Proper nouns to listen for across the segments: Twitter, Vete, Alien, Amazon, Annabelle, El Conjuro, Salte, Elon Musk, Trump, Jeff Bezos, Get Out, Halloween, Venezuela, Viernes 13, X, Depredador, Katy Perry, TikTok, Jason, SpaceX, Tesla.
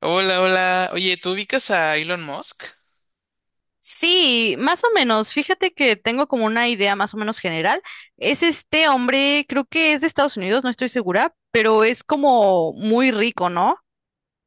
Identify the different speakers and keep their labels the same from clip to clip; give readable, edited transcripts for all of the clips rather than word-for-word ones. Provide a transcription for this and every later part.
Speaker 1: Hola, hola. Oye, ¿tú ubicas a Elon Musk?
Speaker 2: Sí, más o menos. Fíjate que tengo como una idea más o menos general. Es este hombre, creo que es de Estados Unidos, no estoy segura, pero es como muy rico, ¿no?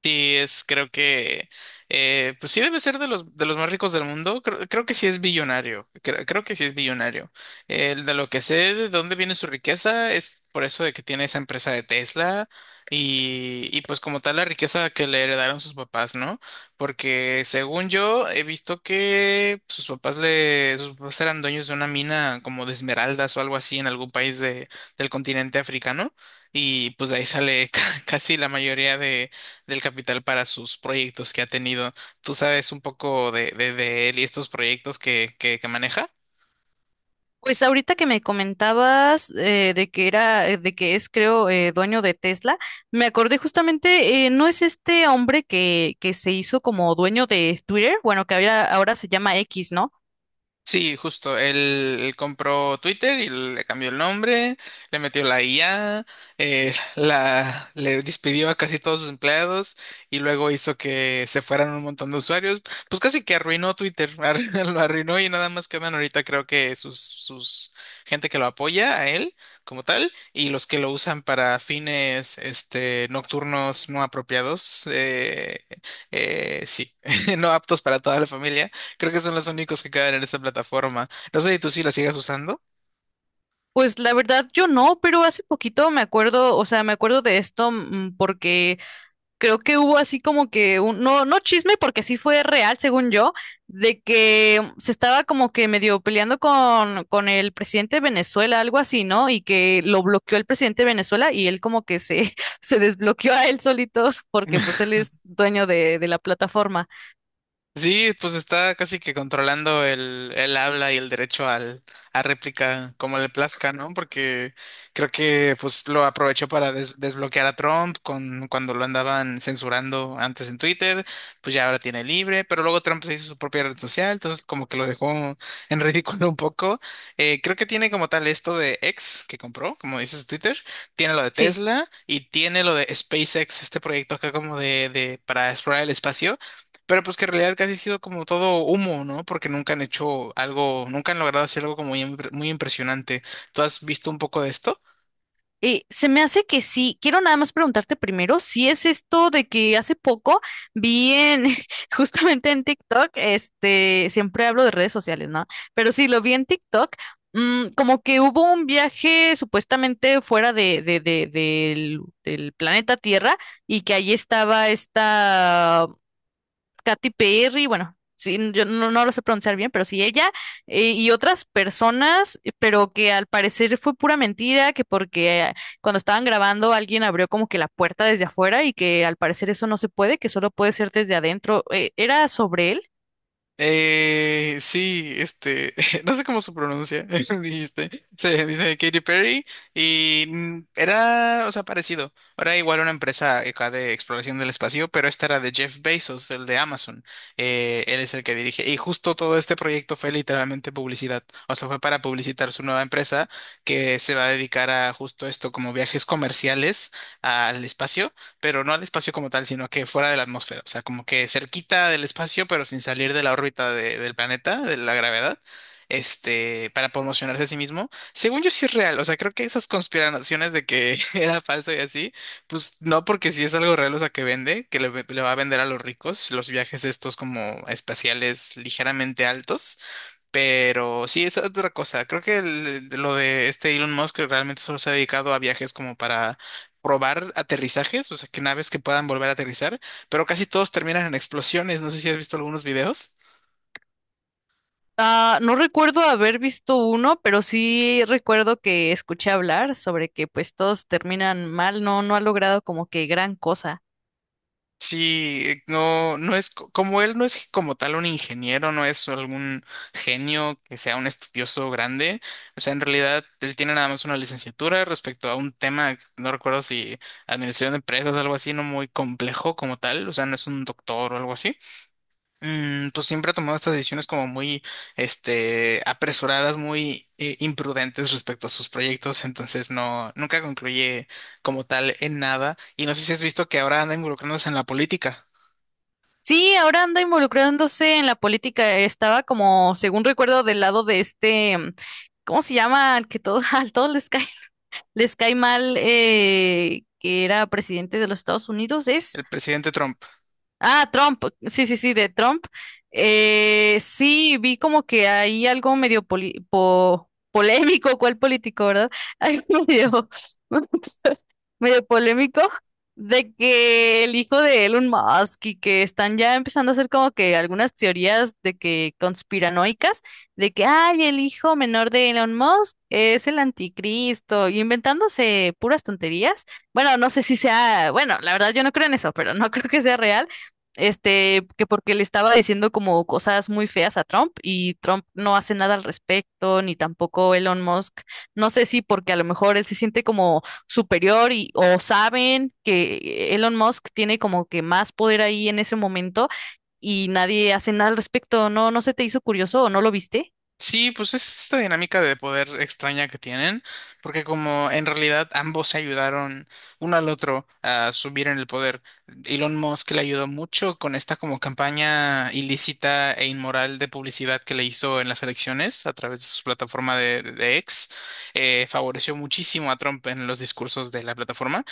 Speaker 1: Sí, creo que, pues sí debe ser de los más ricos del mundo. Creo que sí es billonario. Creo que sí es billonario. El de lo que sé de dónde viene su riqueza es por eso de que tiene esa empresa de Tesla y pues como tal la riqueza que le heredaron sus papás, ¿no? Porque según yo he visto que sus papás eran dueños de una mina como de esmeraldas o algo así en algún país del continente africano y pues de ahí sale casi la mayoría de del capital para sus proyectos que ha tenido. ¿Tú sabes un poco de él y estos proyectos que maneja?
Speaker 2: Pues ahorita que me comentabas de que era, de que es, creo, dueño de Tesla, me acordé justamente, ¿no es este hombre que se hizo como dueño de Twitter? Bueno, que ahora se llama X, ¿no?
Speaker 1: Sí, justo. Él compró Twitter y le cambió el nombre, le metió la IA, le despidió a casi todos sus empleados y luego hizo que se fueran un montón de usuarios. Pues casi que arruinó Twitter, lo arruinó y nada más quedan ahorita creo que sus gente que lo apoya a él como tal y los que lo usan para fines este, nocturnos no apropiados. Sí, no aptos para toda la familia. Creo que son los únicos que caen en esa plataforma. No sé si tú sí la sigas usando.
Speaker 2: Pues la verdad yo no, pero hace poquito me acuerdo, o sea, me acuerdo de esto mm, porque creo que hubo así como que un, no, no chisme, porque sí fue real, según yo, de que mm, se estaba como que medio peleando con el presidente de Venezuela, algo así, ¿no? Y que lo bloqueó el presidente de Venezuela y él como que se, se desbloqueó a él solito, porque pues él es dueño de la plataforma.
Speaker 1: Sí, pues está casi que controlando el habla y el derecho al, a réplica como le plazca, ¿no? Porque creo que pues lo aprovechó para desbloquear a Trump cuando lo andaban censurando antes en Twitter, pues ya ahora tiene libre, pero luego Trump se hizo su propia red social, entonces como que lo dejó en ridículo un poco. Creo que tiene como tal esto de X que compró, como dices Twitter, tiene lo de
Speaker 2: Sí.
Speaker 1: Tesla y tiene lo de SpaceX, este proyecto acá como de para explorar el espacio. Pero pues que en realidad casi ha sido como todo humo, ¿no? Porque nunca han hecho algo, nunca han logrado hacer algo como muy, muy impresionante. ¿Tú has visto un poco de esto?
Speaker 2: Se me hace que sí. Quiero nada más preguntarte primero si es esto de que hace poco vi en, justamente en TikTok, este, siempre hablo de redes sociales, ¿no? Pero sí, lo vi en TikTok, mm, como que hubo un viaje supuestamente fuera del planeta Tierra y que ahí estaba esta Katy Perry, bueno, sí, yo no, no lo sé pronunciar bien, pero sí ella y otras personas, pero que al parecer fue pura mentira, que porque cuando estaban grabando alguien abrió como que la puerta desde afuera y que al parecer eso no se puede, que solo puede ser desde adentro. ¿era sobre él?
Speaker 1: Sí, este, no sé cómo se pronuncia, dijiste. Se dice Katy Perry y mm, era, o sea, parecido. Era igual una empresa acá de exploración del espacio, pero esta era de Jeff Bezos, el de Amazon. Él es el que dirige. Y justo todo este proyecto fue literalmente publicidad. O sea, fue para publicitar su nueva empresa que se va a dedicar a justo esto, como viajes comerciales al espacio pero no al espacio como tal, sino que fuera de la atmósfera, o sea, como que cerquita del espacio, pero sin salir de la órbita del planeta, de la gravedad, este, para promocionarse a sí mismo. Según yo sí es real, o sea, creo que esas conspiraciones de que era falso y así, pues no, porque si es algo real, o sea, que vende, le va a vender a los ricos, los viajes estos como espaciales ligeramente altos. Pero sí, es otra cosa. Creo que lo de este Elon Musk que realmente solo se ha dedicado a viajes como para probar aterrizajes, o sea, que naves que puedan volver a aterrizar, pero casi todos terminan en explosiones. No sé si has visto algunos videos.
Speaker 2: Ah, no recuerdo haber visto uno, pero sí recuerdo que escuché hablar sobre que pues todos terminan mal, no, no ha logrado como que gran cosa.
Speaker 1: Sí, no, como él, no es como tal un ingeniero, no es algún genio que sea un estudioso grande. O sea, en realidad él tiene nada más una licenciatura respecto a un tema, que no recuerdo si administración de empresas, algo así, no muy complejo como tal. O sea, no es un doctor o algo así. Mm, pues siempre ha tomado estas decisiones como muy, este, apresuradas, muy imprudentes respecto a sus proyectos, entonces no, nunca concluye como tal en nada. Y no sé si has visto que ahora anda involucrándose en la política,
Speaker 2: Sí, ahora anda involucrándose en la política. Estaba como, según recuerdo, del lado de este, mm, ¿cómo se llama? Al que todo, a todos les les cae mal, que era presidente de los Estados Unidos, ¿es?
Speaker 1: el presidente Trump.
Speaker 2: Ah, Trump, sí, de Trump. Sí, vi como que hay algo polémico, ¿cuál político, verdad? Algo medio, medio polémico de que el hijo de Elon Musk y que están ya empezando a hacer como que algunas teorías de que conspiranoicas, de que, ay, el hijo menor de Elon Musk es el anticristo, y inventándose puras tonterías. Bueno, no sé si sea, bueno, la verdad yo no creo en eso, pero no creo que sea real este, que porque le estaba diciendo como cosas muy feas a Trump y Trump no hace nada al respecto, ni tampoco Elon Musk. No sé si porque a lo mejor él se siente como superior y o saben que Elon Musk tiene como que más poder ahí en ese momento y nadie hace nada al respecto. ¿No, no se te hizo curioso o no lo viste?
Speaker 1: Sí, pues es esta dinámica de poder extraña que tienen, porque como en realidad ambos se ayudaron uno al otro a subir en el poder. Elon Musk le ayudó mucho con esta como campaña ilícita e inmoral de publicidad que le hizo en las elecciones a través de su plataforma de X. Favoreció muchísimo a Trump en los discursos de la plataforma.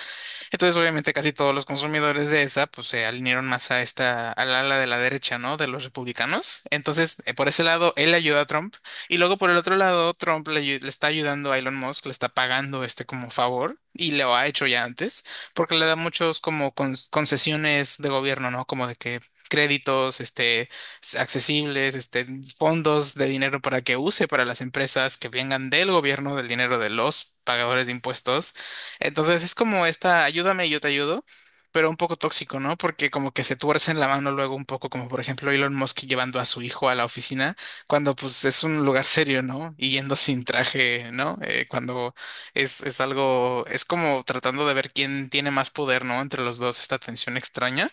Speaker 1: Entonces, obviamente, casi todos los consumidores de esa, pues se alinearon más a esta, al ala de la derecha, ¿no? De los republicanos. Entonces, por ese lado, él ayuda a Trump. Y luego, por el otro lado, le está ayudando a Elon Musk, le está pagando este como favor. Y lo ha hecho ya antes, porque le da muchos como concesiones de gobierno, ¿no? Como de que créditos, este, accesibles, este, fondos de dinero para que use para las empresas que vengan del gobierno, del dinero de los pagadores de impuestos. Entonces es como esta, ayúdame y yo te ayudo, pero un poco tóxico, ¿no? Porque como que se tuercen la mano luego un poco, como por ejemplo Elon Musk llevando a su hijo a la oficina, cuando pues es un lugar serio, ¿no? Y yendo sin traje, ¿no? Cuando es algo, es como tratando de ver quién tiene más poder, ¿no? Entre los dos, esta tensión extraña.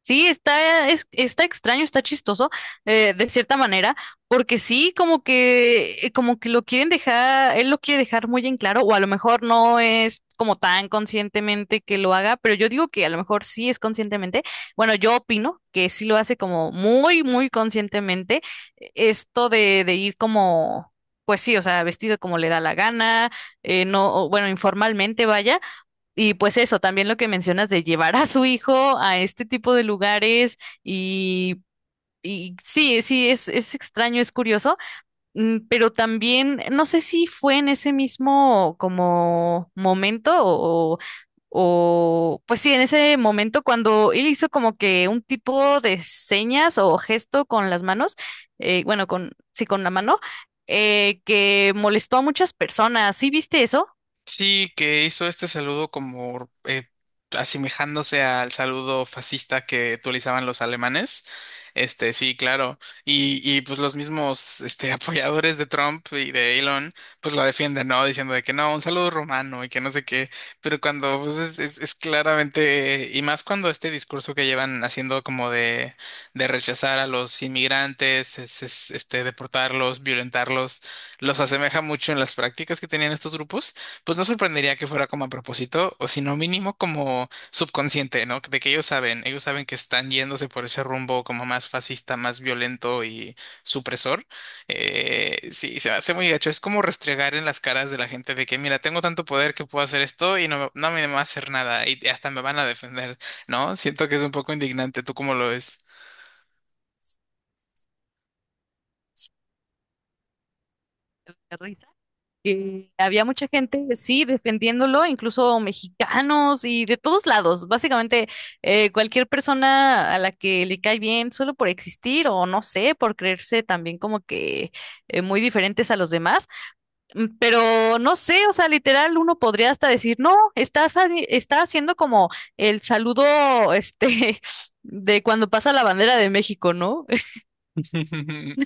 Speaker 2: Sí, está extraño, está chistoso, de cierta manera, porque sí, como que lo quieren dejar, él lo quiere dejar muy en claro, o a lo mejor no es como tan conscientemente que lo haga, pero yo digo que a lo mejor sí es conscientemente. Bueno, yo opino que sí lo hace como muy conscientemente, esto de ir como, pues sí, o sea, vestido como le da la gana, no, o bueno, informalmente vaya y pues eso, también lo que mencionas de llevar a su hijo a este tipo de lugares y, y sí, sí, es extraño, es curioso, mm, pero también no sé si fue en ese mismo como momento o pues sí, en ese momento cuando él hizo como que un tipo de señas o gesto con las manos, bueno, con, sí, con la mano, que molestó a muchas personas. ¿Sí viste eso?
Speaker 1: Sí, que hizo este saludo como asemejándose al saludo fascista que utilizaban los alemanes. Este, sí, claro. Y pues los mismos este, apoyadores de Trump y de Elon, pues lo defienden, ¿no? Diciendo de que no, un saludo romano y que no sé qué. Pero cuando pues, es claramente, y más cuando este discurso que llevan haciendo como de rechazar a los inmigrantes, es, este, deportarlos, violentarlos, los asemeja mucho en las prácticas que tenían estos grupos. Pues no sorprendería que fuera como a propósito, o si no mínimo como subconsciente, ¿no? De que ellos saben que están yéndose por ese rumbo como más fascista, más violento y supresor. Sí, se hace muy gacho. Es como restregar en las caras de la gente de que, mira, tengo tanto poder que puedo hacer esto y no, no me va a hacer nada y hasta me van a defender, ¿no? Siento que es un poco indignante. ¿Tú cómo lo ves?
Speaker 2: De risa. Que había mucha gente, sí, defendiéndolo, incluso mexicanos y de todos lados. Básicamente, cualquier persona a la que le cae bien solo por existir o no sé, por creerse también como que muy diferentes a los demás. Mm, pero no sé, o sea, literal, uno podría hasta decir, no, está haciendo como el saludo, este, de cuando pasa la bandera de México, ¿no?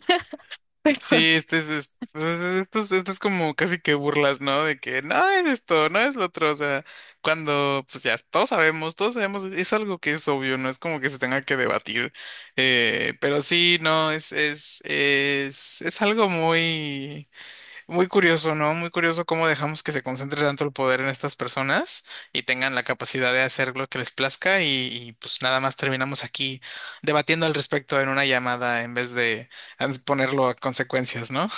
Speaker 1: Sí, pues, esto es como casi que burlas, ¿no? De que no es esto, no es lo otro, o sea, cuando pues ya todos sabemos, es algo que es obvio, no es como que se tenga que debatir, pero sí, no, es algo muy... Muy curioso, ¿no? Muy curioso cómo dejamos que se concentre tanto el poder en estas personas y tengan la capacidad de hacer lo que les plazca pues nada más terminamos aquí debatiendo al respecto en una llamada en vez de ponerlo a consecuencias, ¿no?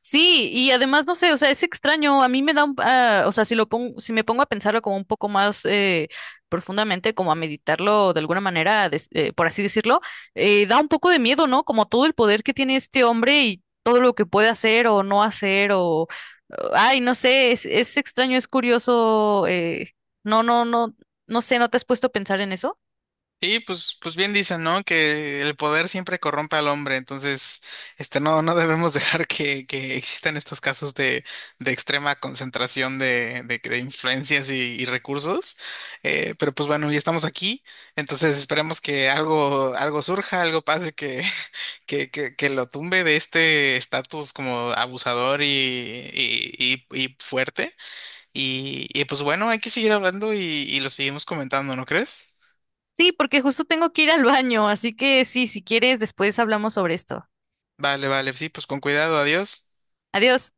Speaker 2: Sí, y además no sé, o sea, es extraño, a mí me da un, ah, o sea, si lo pongo, si me pongo a pensarlo como un poco más profundamente, como a meditarlo de alguna manera, por así decirlo, da un poco de miedo, ¿no? Como todo el poder que tiene este hombre y todo lo que puede hacer o no hacer o, ay, no sé, es extraño, es curioso, no, no sé, ¿no te has puesto a pensar en eso?
Speaker 1: Sí, pues bien dicen, ¿no? Que el poder siempre corrompe al hombre, entonces, este, no, no debemos dejar que existan estos casos de extrema concentración de influencias y recursos. Pero pues bueno, ya estamos aquí, entonces esperemos que algo, algo surja, algo pase que, que lo tumbe de este estatus como abusador y fuerte. Y pues bueno, hay que seguir hablando y lo seguimos comentando, ¿no crees?
Speaker 2: Sí, porque justo tengo que ir al baño, así que sí, si quieres, después hablamos sobre esto.
Speaker 1: Vale, sí, pues con cuidado, adiós.
Speaker 2: Adiós.